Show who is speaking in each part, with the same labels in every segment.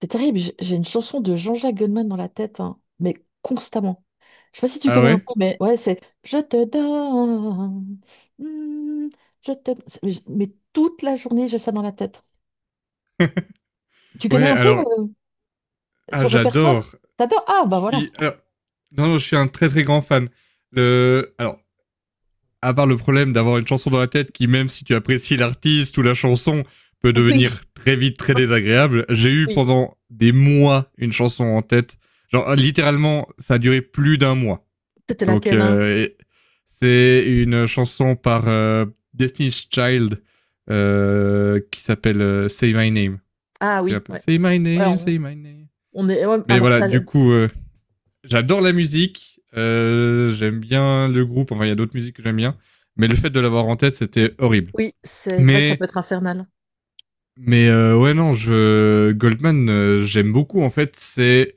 Speaker 1: C'est terrible, j'ai une chanson de Jean-Jacques Goldman dans la tête, hein, mais constamment. Je sais pas si tu
Speaker 2: Ah
Speaker 1: connais un
Speaker 2: ouais?
Speaker 1: peu, mais ouais, c'est Je te donne, mm, Mais toute la journée, j'ai ça dans la tête. Tu connais
Speaker 2: Ouais,
Speaker 1: un peu
Speaker 2: alors,
Speaker 1: euh,
Speaker 2: ah,
Speaker 1: son répertoire?
Speaker 2: j'adore.
Speaker 1: T'adores? Ah,
Speaker 2: Je
Speaker 1: bah voilà.
Speaker 2: suis, alors, non, non, je suis un très très grand fan. Le, alors, à part le problème d'avoir une chanson dans la tête qui, même si tu apprécies l'artiste ou la chanson, peut
Speaker 1: Oui,
Speaker 2: devenir très vite très désagréable, j'ai eu
Speaker 1: oui.
Speaker 2: pendant des mois une chanson en tête. Genre, littéralement, ça a duré plus d'un mois.
Speaker 1: C'était
Speaker 2: Donc,
Speaker 1: laquelle, hein?
Speaker 2: euh, et c'est une chanson par Destiny's Child qui s'appelle Say My Name.
Speaker 1: Ah
Speaker 2: Qui fait un
Speaker 1: oui,
Speaker 2: peu
Speaker 1: ouais.
Speaker 2: Say My
Speaker 1: Ouais,
Speaker 2: Name, Say My Name.
Speaker 1: on est... ouais,
Speaker 2: Mais
Speaker 1: alors
Speaker 2: voilà,
Speaker 1: ça,
Speaker 2: du coup, j'adore la musique. J'aime bien le groupe. Enfin, il y a d'autres musiques que j'aime bien. Mais le fait de l'avoir en tête, c'était horrible.
Speaker 1: oui, c'est vrai que ça
Speaker 2: Mais,
Speaker 1: peut être infernal.
Speaker 2: mais ouais, non, Goldman, j'aime beaucoup. En fait, c'est,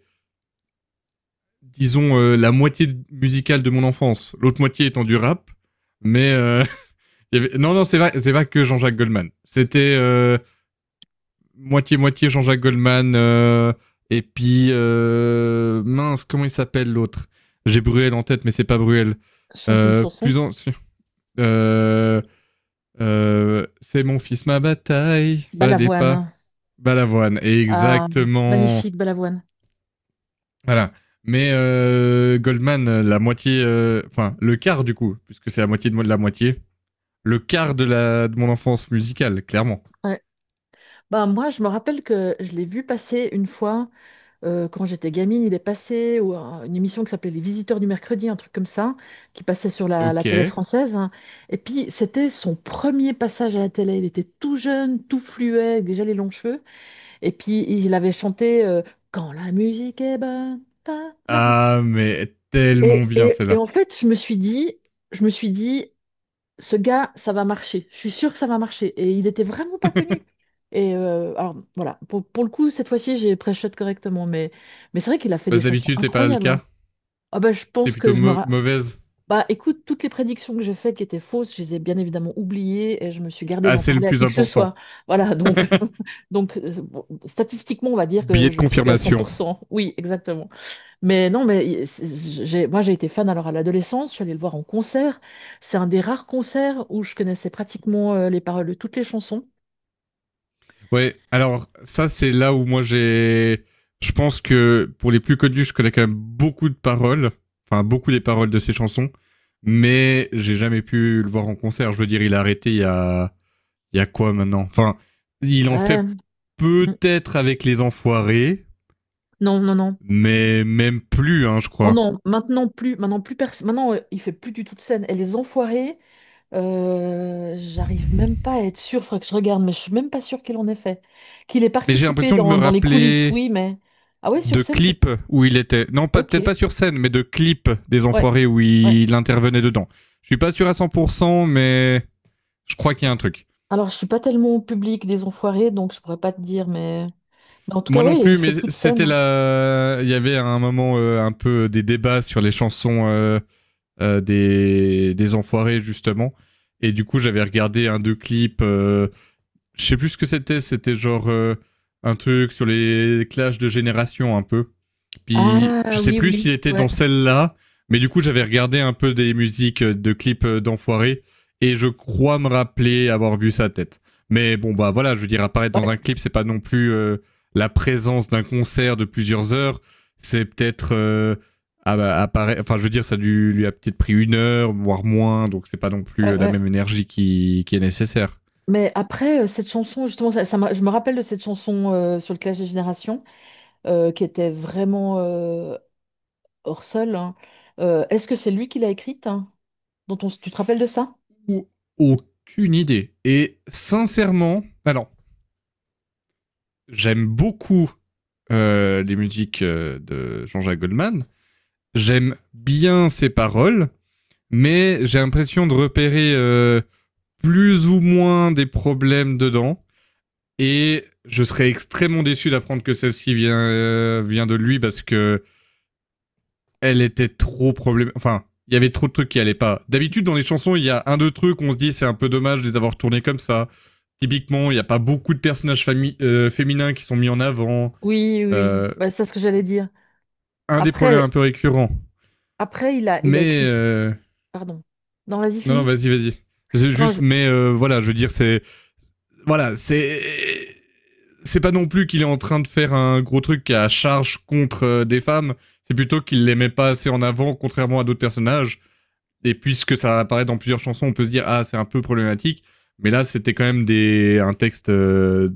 Speaker 2: disons, euh, la moitié musicale de mon enfance. L'autre moitié étant du rap. Mais non, c'est pas que Jean-Jacques Goldman. C'était moitié-moitié Jean-Jacques Goldman, et puis, mince, comment il s'appelle l'autre. J'ai Bruel en tête, mais c'est pas Bruel.
Speaker 1: Chante une chanson.
Speaker 2: Plus en... si, Euh, c'est mon fils ma bataille, fallait
Speaker 1: Balavoine.
Speaker 2: pas. Balavoine,
Speaker 1: Ah,
Speaker 2: exactement.
Speaker 1: magnifique, Balavoine.
Speaker 2: Voilà. Mais Goldman, la moitié, enfin le quart du coup, puisque c'est la moitié de la moitié, le quart de, la, de mon enfance musicale, clairement.
Speaker 1: Bah, moi, je me rappelle que je l'ai vu passer une fois quand j'étais gamine. Il est passé ou une émission qui s'appelait Les Visiteurs du mercredi, un truc comme ça, qui passait sur la
Speaker 2: Ok.
Speaker 1: télé française, hein. Et puis, c'était son premier passage à la télé. Il était tout jeune, tout fluet, avec déjà les longs cheveux. Et puis, il avait chanté Quand la musique est bonne. Bonne.
Speaker 2: Ah, mais tellement bien
Speaker 1: Et
Speaker 2: celle-là.
Speaker 1: en fait, je me suis dit, ce gars, ça va marcher. Je suis sûre que ça va marcher. Et il était vraiment pas connu. Et alors voilà, pour le coup, cette fois-ci, j'ai pré-shot correctement. Mais c'est vrai qu'il a fait
Speaker 2: Parce
Speaker 1: des
Speaker 2: que
Speaker 1: chansons
Speaker 2: d'habitude, c'est pas le
Speaker 1: incroyables, hein.
Speaker 2: cas.
Speaker 1: Ah bah, je
Speaker 2: T'es
Speaker 1: pense
Speaker 2: plutôt
Speaker 1: que je me... ra-
Speaker 2: mauvaise.
Speaker 1: Bah écoute, toutes les prédictions que j'ai faites qui étaient fausses, je les ai bien évidemment oubliées et je me suis gardée
Speaker 2: Ah,
Speaker 1: d'en
Speaker 2: c'est le
Speaker 1: parler à qui
Speaker 2: plus
Speaker 1: que ce
Speaker 2: important.
Speaker 1: soit. Voilà, donc, donc bon, statistiquement, on va dire que
Speaker 2: Billet de
Speaker 1: je suis à cent
Speaker 2: confirmation.
Speaker 1: pour cent. Oui, exactement. Mais non, mais il- c'est- j'ai, Moi j'ai été fan alors à l'adolescence, je suis allée le voir en concert. C'est un des rares concerts où je connaissais pratiquement les paroles de toutes les chansons.
Speaker 2: Ouais, alors ça c'est là où moi j'ai... Je pense que pour les plus connus, je connais quand même beaucoup de paroles, enfin beaucoup des paroles de ses chansons, mais j'ai jamais pu le voir en concert. Je veux dire, il a arrêté il y a... Il y a quoi maintenant. Enfin, il en
Speaker 1: Ouais.
Speaker 2: fait
Speaker 1: Mm.
Speaker 2: peut-être avec les enfoirés,
Speaker 1: Non, non, non.
Speaker 2: mais même plus, hein, je
Speaker 1: Oh
Speaker 2: crois.
Speaker 1: non, maintenant plus personne. Maintenant, il fait plus du tout de scène. Et les enfoirés, j'arrive même pas à être sûre, faudrait que je regarde, mais je suis même pas sûre qu'il en ait fait. Qu'il ait
Speaker 2: Mais j'ai
Speaker 1: participé
Speaker 2: l'impression de me
Speaker 1: dans les coulisses,
Speaker 2: rappeler
Speaker 1: oui, mais. Ah ouais, sur
Speaker 2: de
Speaker 1: scène, tu.
Speaker 2: clips où il était. Non, peut-être
Speaker 1: Ok.
Speaker 2: pas sur scène, mais de clips des
Speaker 1: Ouais.
Speaker 2: enfoirés où
Speaker 1: Ouais.
Speaker 2: il intervenait dedans. Je suis pas sûr à 100%, mais je crois qu'il y a un truc.
Speaker 1: Alors, je suis pas tellement au public des enfoirés, donc je pourrais pas te dire, mais. Mais en tout cas,
Speaker 2: Moi non
Speaker 1: oui, il
Speaker 2: plus,
Speaker 1: fait
Speaker 2: mais
Speaker 1: plus de
Speaker 2: c'était
Speaker 1: scènes.
Speaker 2: la. Il y avait à un moment un peu des débats sur les chansons des enfoirés, justement. Et du coup, j'avais regardé un, deux clips. Je sais plus ce que c'était. C'était genre un truc sur les clashs de génération, un peu. Puis
Speaker 1: Ah
Speaker 2: je sais
Speaker 1: oui,
Speaker 2: plus
Speaker 1: oui,
Speaker 2: s'il était dans
Speaker 1: ouais,
Speaker 2: celle-là, mais du coup j'avais regardé un peu des musiques de clips d'enfoirés et je crois me rappeler avoir vu sa tête. Mais bon bah voilà, je veux dire apparaître dans un
Speaker 1: ouais,
Speaker 2: clip, c'est pas non plus la présence d'un concert de plusieurs heures, c'est peut-être ah bah, enfin, je veux dire, ça lui a peut-être pris une heure, voire moins, donc c'est pas non plus
Speaker 1: ouais,
Speaker 2: la
Speaker 1: ouais.
Speaker 2: même énergie qui est nécessaire.
Speaker 1: Mais après, cette chanson, justement, je me rappelle de cette chanson sur le Clash des Générations, qui était vraiment hors sol, hein. Est-ce que c'est lui qui l'a écrite, hein, dont on s- tu te rappelles de ça?
Speaker 2: Ou aucune idée. Et sincèrement, alors, j'aime beaucoup les musiques de Jean-Jacques Goldman. J'aime bien ses paroles, mais j'ai l'impression de repérer plus ou moins des problèmes dedans. Et je serais extrêmement déçu d'apprendre que celle-ci vient de lui parce que elle était trop problème. Enfin, il y avait trop de trucs qui allaient pas. D'habitude, dans les chansons, il y a un, deux trucs, où on se dit c'est un peu dommage de les avoir tournés comme ça. Typiquement, il n'y a pas beaucoup de féminins qui sont mis en avant.
Speaker 1: Oui, oui, oui.
Speaker 2: Euh,
Speaker 1: Bah, c'est ce que j'allais dire.
Speaker 2: un des problèmes un
Speaker 1: Après,
Speaker 2: peu récurrents.
Speaker 1: après, il a
Speaker 2: Mais
Speaker 1: écrit. Pardon. Non, vas-y,
Speaker 2: non, non,
Speaker 1: fini.
Speaker 2: vas-y. C'est
Speaker 1: Non,
Speaker 2: juste, mais voilà, je veux dire, c'est c'est pas non plus qu'il est en train de faire un gros truc à charge contre des femmes. C'est plutôt qu'il les met pas assez en avant, contrairement à d'autres personnages. Et puisque ça apparaît dans plusieurs chansons, on peut se dire ah c'est un peu problématique. Mais là, c'était quand même des un texte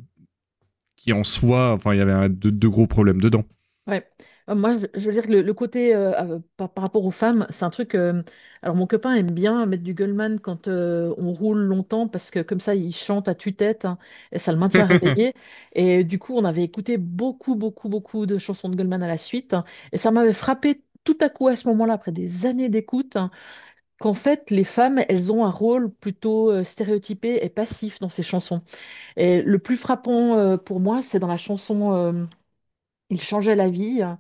Speaker 2: qui en soi, enfin, il y avait de gros problèmes dedans.
Speaker 1: ouais. Moi, je veux dire que le côté par, rapport aux femmes, c'est un truc, alors, mon copain aime bien mettre du Goldman quand on roule longtemps parce que comme ça, il chante à tue-tête, hein, et ça le maintient réveillé. Et du coup, on avait écouté beaucoup, beaucoup, beaucoup de chansons de Goldman à la suite, hein, et ça m'avait frappé tout à coup à ce moment-là, après des années d'écoute, hein, qu'en fait, les femmes, elles ont un rôle plutôt stéréotypé et passif dans ces chansons. Et le plus frappant pour moi, c'est dans la chanson Il changeait la vie, hein,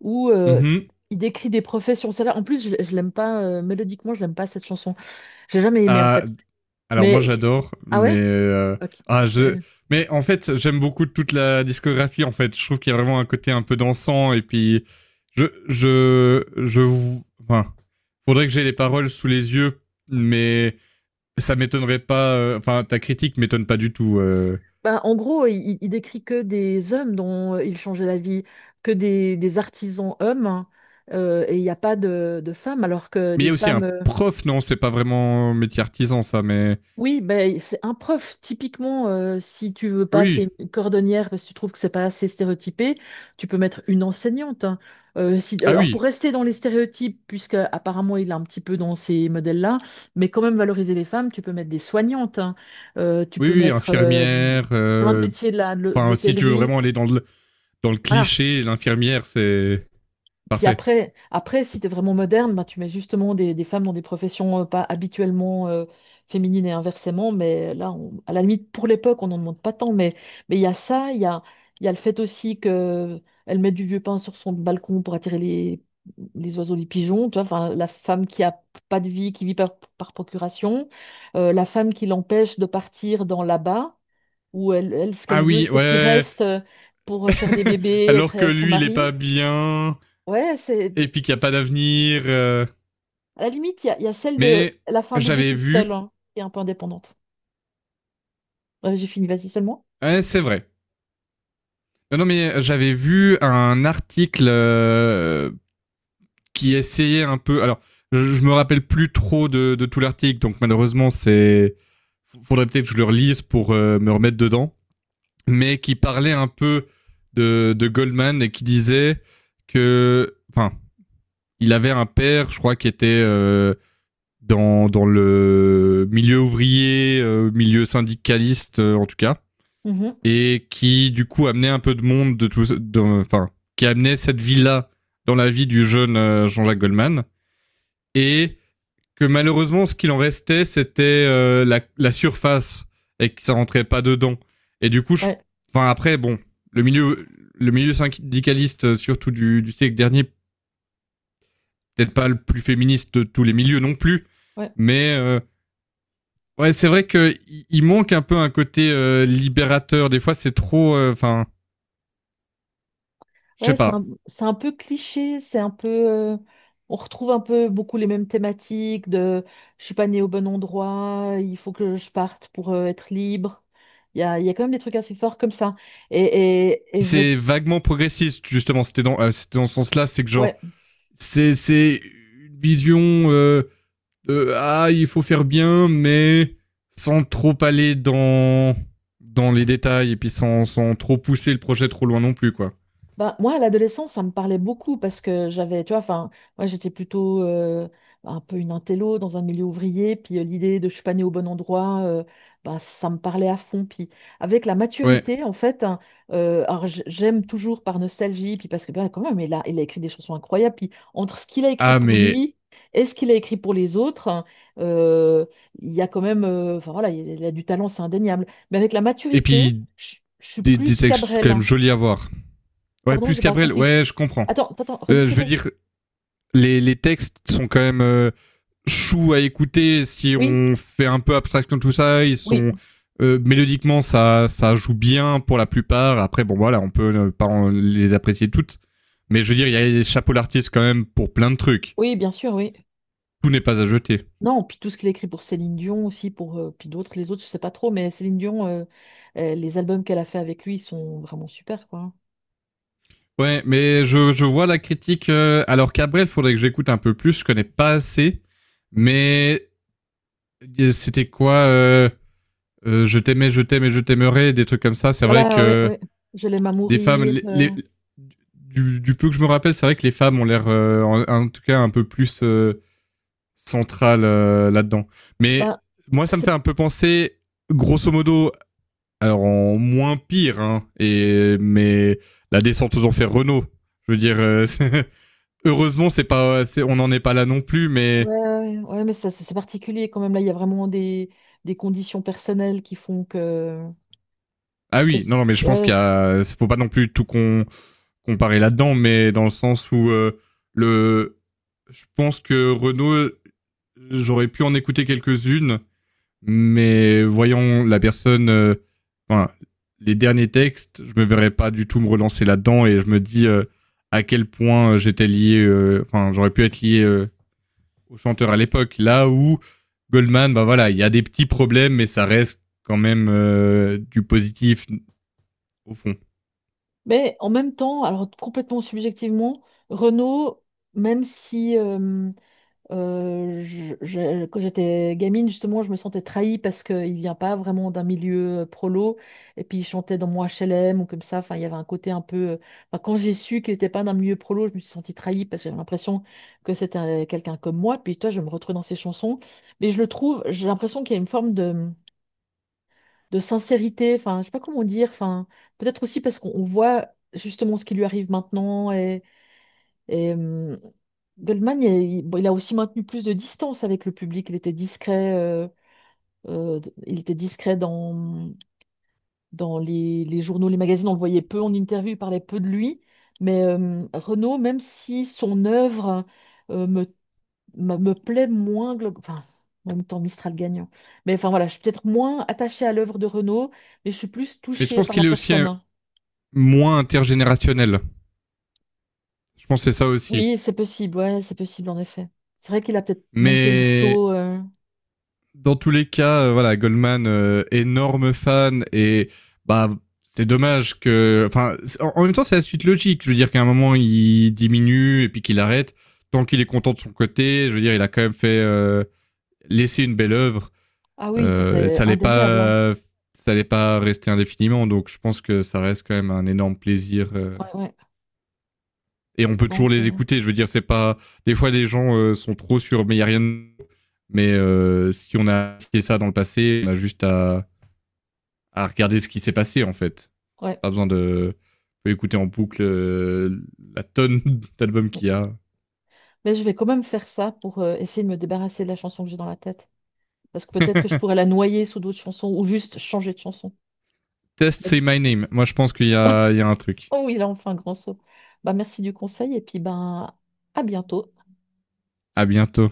Speaker 1: où
Speaker 2: Mmh.
Speaker 1: il décrit des professions. Celle-là, en plus, je l'aime pas, mélodiquement, je l'aime pas cette chanson. J'ai jamais aimé en
Speaker 2: Ah,
Speaker 1: fait.
Speaker 2: alors moi
Speaker 1: Mais
Speaker 2: j'adore,
Speaker 1: ah
Speaker 2: mais
Speaker 1: ouais? Ok.
Speaker 2: ah
Speaker 1: Ok.
Speaker 2: je mais en fait, j'aime beaucoup toute la discographie, en fait. Je trouve qu'il y a vraiment un côté un peu dansant et puis je je je vou enfin, faudrait que j'ai les paroles sous les yeux, mais ça m'étonnerait pas, enfin ta critique m'étonne pas du tout,
Speaker 1: Ben, en gros, il décrit que des hommes dont il changeait la vie, que des artisans hommes, hein, et il n'y a pas de femmes, alors que
Speaker 2: Mais il
Speaker 1: des
Speaker 2: y a aussi
Speaker 1: femmes,
Speaker 2: un
Speaker 1: euh.
Speaker 2: prof, non, c'est pas vraiment métier artisan ça, mais
Speaker 1: Oui, ben, c'est un prof, typiquement, si tu veux pas qu'il y
Speaker 2: oui,
Speaker 1: ait une cordonnière parce que tu trouves que c'est pas assez stéréotypé, tu peux mettre une enseignante, hein. Si,
Speaker 2: ah
Speaker 1: alors, pour
Speaker 2: oui,
Speaker 1: rester dans les stéréotypes, puisque apparemment il est un petit peu dans ces modèles-là, mais quand même valoriser les femmes, tu peux mettre des soignantes, hein. Tu
Speaker 2: oui,
Speaker 1: peux
Speaker 2: oui,
Speaker 1: mettre
Speaker 2: infirmière.
Speaker 1: plein de métiers de
Speaker 2: Enfin, si tu veux
Speaker 1: l'hôtellerie.
Speaker 2: vraiment aller dans le
Speaker 1: Voilà.
Speaker 2: cliché, l'infirmière, c'est
Speaker 1: Puis
Speaker 2: parfait.
Speaker 1: après, après si tu es vraiment moderne, bah, tu mets justement des femmes dans des professions pas habituellement féminines et inversement. Mais là, on- à la limite, pour l'époque, on n'en demande pas tant. Mais il y a ça, il y a le fait aussi que elle met du vieux pain sur son balcon pour attirer les oiseaux, les pigeons. Tu vois, enfin, la femme qui a pas de vie, qui vit par procuration. La femme qui l'empêche de partir dans là-bas, où elle, ce
Speaker 2: Ah
Speaker 1: qu'elle veut,
Speaker 2: oui,
Speaker 1: c'est qu'il
Speaker 2: ouais.
Speaker 1: reste pour faire des bébés,
Speaker 2: Alors
Speaker 1: être
Speaker 2: que
Speaker 1: son
Speaker 2: lui, il est pas
Speaker 1: mari.
Speaker 2: bien
Speaker 1: Ouais, c'est.
Speaker 2: et puis qu'il y a pas d'avenir.
Speaker 1: À la limite, il y a celle de
Speaker 2: Mais
Speaker 1: la fin bébé
Speaker 2: j'avais
Speaker 1: toute seule,
Speaker 2: vu,
Speaker 1: hein, qui est un peu indépendante. Ouais, j'ai fini, vas-y seulement.
Speaker 2: ouais, c'est vrai. Non, non, mais j'avais vu un article qui essayait un peu. Alors, je me rappelle plus trop de tout l'article, donc malheureusement, c'est. Faudrait peut-être que je le relise pour me remettre dedans, mais qui parlait un peu de Goldman et qui disait que, enfin, il avait un père, je crois, qui était dans, dans le milieu ouvrier, milieu syndicaliste en tout cas,
Speaker 1: Mhm.
Speaker 2: et qui du coup amenait un peu de monde de tout, enfin, qui amenait cette vie-là dans la vie du jeune Jean-Jacques Goldman. Et que malheureusement, ce qu'il en restait, c'était la, la surface et que ça rentrait pas dedans. Et du coup, je...
Speaker 1: Ouais,
Speaker 2: enfin après, bon, le milieu, le milieu syndicaliste, surtout du siècle dernier, peut-être pas le plus féministe de tous les milieux non plus,
Speaker 1: ouais,
Speaker 2: mais ouais, c'est vrai que manque un peu un côté libérateur. Des fois, c'est trop, enfin, je sais
Speaker 1: ouais,
Speaker 2: pas.
Speaker 1: c'est un peu cliché, c'est un peu, on retrouve un peu beaucoup les mêmes thématiques de je suis pas née au bon endroit, il faut que je parte pour être libre. Il y a quand même des trucs assez forts comme ça. Et, et, et
Speaker 2: Puis
Speaker 1: je.
Speaker 2: c'est vaguement progressiste justement. C'était dans ce sens-là, c'est que genre,
Speaker 1: ouais,
Speaker 2: c'est une vision ah, il faut faire bien, mais sans trop aller dans dans les détails et puis sans, sans trop pousser le projet trop loin non plus, quoi.
Speaker 1: Bah, moi, à l'adolescence, ça me parlait beaucoup parce que j'avais, tu vois, enfin, moi, j'étais plutôt un peu une intello dans un milieu ouvrier, puis l'idée de je suis pas née au bon endroit, bah, ça me parlait à fond. Puis avec la
Speaker 2: Ouais.
Speaker 1: maturité, en fait, hein, alors j'aime toujours par nostalgie, puis parce que bah, quand même, il a écrit des chansons incroyables, puis entre ce qu'il a écrit
Speaker 2: Ah,
Speaker 1: pour
Speaker 2: mais
Speaker 1: lui et ce qu'il a écrit pour les autres, hein, euh, il y a quand même, enfin voilà, il y a du talent, c'est indéniable. Mais avec la
Speaker 2: et
Speaker 1: maturité,
Speaker 2: puis
Speaker 1: je suis
Speaker 2: des
Speaker 1: plus
Speaker 2: textes quand
Speaker 1: Cabrel,
Speaker 2: même
Speaker 1: hein.
Speaker 2: jolis à voir. Ouais,
Speaker 1: Pardon,
Speaker 2: plus
Speaker 1: j'ai pas
Speaker 2: qu'Abrel.
Speaker 1: compris.
Speaker 2: Ouais, je comprends.
Speaker 1: Attends, attends, redis ce que
Speaker 2: Je veux
Speaker 1: t'as dit.
Speaker 2: dire, les textes sont quand même chou à écouter si
Speaker 1: Oui,
Speaker 2: on fait un peu abstraction de tout ça. Ils
Speaker 1: oui,
Speaker 2: sont mélodiquement, ça joue bien pour la plupart. Après, bon voilà, on peut pas en- les apprécier toutes, mais je veux dire, il y a les chapeaux d'artistes quand même pour plein de trucs.
Speaker 1: oui, bien sûr, oui.
Speaker 2: Tout n'est pas à jeter.
Speaker 1: Non, puis tout ce qu'il a écrit pour Céline Dion aussi, pour puis d'autres, les autres, je sais pas trop, mais Céline Dion, les albums qu'elle a fait avec lui ils sont vraiment super, quoi.
Speaker 2: Ouais, mais je vois la critique. Alors Cabrel, faudrait que j'écoute un peu plus. Je connais pas assez, mais c'était quoi Je t'aimais, je t'aimais, je t'aimerais, des trucs comme ça. C'est vrai
Speaker 1: Voilà, ouais,
Speaker 2: que
Speaker 1: ouais. Je l'aime à
Speaker 2: des femmes.
Speaker 1: mourir,
Speaker 2: Du peu que je me rappelle, c'est vrai que les femmes ont l'air, en, en tout cas, un peu plus centrales là-dedans. Mais
Speaker 1: ben,
Speaker 2: moi, ça me fait
Speaker 1: c'est
Speaker 2: un peu penser, grosso modo, alors en moins pire, hein, et, mais la descente aux enfers Renault. Je veux dire, c'est- heureusement, c'est pas, on n'en est pas là non plus, mais.
Speaker 1: ouais, ouais, ouais, mais ça, c'est particulier quand même. Là, il y a vraiment des conditions personnelles qui font que,
Speaker 2: Ah oui, non, non, mais je pense
Speaker 1: ouais,
Speaker 2: qu'il y
Speaker 1: c-
Speaker 2: a, faut pas non plus comparer là-dedans, mais dans le sens où le, je pense que Renault. J'aurais pu en écouter quelques-unes, mais voyons la personne, voilà, les derniers textes, je me verrais pas du tout me relancer là-dedans et je me dis à quel point j'étais lié, enfin j'aurais pu être lié au chanteur à l'époque. Là où Goldman, bah voilà, il y a des petits problèmes, mais ça reste quand même du positif au fond.
Speaker 1: mais en même temps, alors complètement subjectivement, Renaud, même si quand j'étais gamine, justement, je me sentais trahie parce qu'il vient pas vraiment d'un milieu prolo. Et puis, il chantait dans mon HLM ou comme ça. Enfin, il y avait un côté un peu, enfin, quand j'ai su qu'il n'était pas d'un milieu prolo, je me suis sentie trahie parce que j'avais l'impression que c'était quelqu'un comme moi. Puis, toi, je me retrouve dans ses chansons. Mais je le trouve, j'ai l'impression qu'il y a une forme de sincérité. Enfin, je sais pas comment dire. Enfin, peut-être aussi parce qu'on on voit justement ce qui lui arrive maintenant. Et, hum, Goldman, il, bon, il a aussi maintenu plus de distance avec le public. Il était discret, il était discret dans, dans les journaux, les magazines. On le voyait peu en interview, il parlait peu de lui. Mais Renaud, même si son œuvre euh, me, me plaît moins, enfin, en même temps Mistral gagnant. Mais enfin voilà, je suis peut-être moins attachée à l'œuvre de Renaud, mais je suis plus
Speaker 2: Mais je
Speaker 1: touchée
Speaker 2: pense
Speaker 1: par la
Speaker 2: qu'il est aussi
Speaker 1: personne.
Speaker 2: moins intergénérationnel. Je pense que c'est ça aussi.
Speaker 1: Oui, c'est possible, ouais, c'est possible en effet. C'est vrai qu'il a peut-être manqué le
Speaker 2: Mais
Speaker 1: saut, euh.
Speaker 2: dans tous les cas, voilà, Goldman, énorme fan et bah c'est dommage que, enfin, en en même temps c'est la suite logique. Je veux dire qu'à un moment il diminue et puis qu'il arrête. Tant qu'il est content de son côté, je veux dire, il a quand même fait laisser une belle œuvre.
Speaker 1: Ah oui, ça
Speaker 2: Euh,
Speaker 1: c'est
Speaker 2: ça allait
Speaker 1: indéniable, hein.
Speaker 2: pas, ça allait pas rester indéfiniment. Donc je pense que ça reste quand même un énorme plaisir
Speaker 1: Ouais, ouais,
Speaker 2: et on peut
Speaker 1: non,
Speaker 2: toujours
Speaker 1: c'est...
Speaker 2: les écouter. Je veux dire, c'est pas. Des fois, les gens sont trop sur, mais il y a rien. De Mais si on a fait ça dans le passé, on a juste à regarder ce qui s'est passé en fait.
Speaker 1: Ouais.
Speaker 2: Pas besoin de. On peut écouter en boucle la tonne d'albums
Speaker 1: Mm.
Speaker 2: qu'il y a.
Speaker 1: Mais je vais quand même faire ça pour essayer de me débarrasser de la chanson que j'ai dans la tête. Parce que peut-être que je pourrais la noyer sous d'autres chansons ou juste changer de chanson.
Speaker 2: Test, c'est my name. Moi, je pense qu'il y a, il y a un truc.
Speaker 1: Oh oui, là, on fait un grand saut. Bah, merci du conseil et puis ben, à bientôt.
Speaker 2: À bientôt.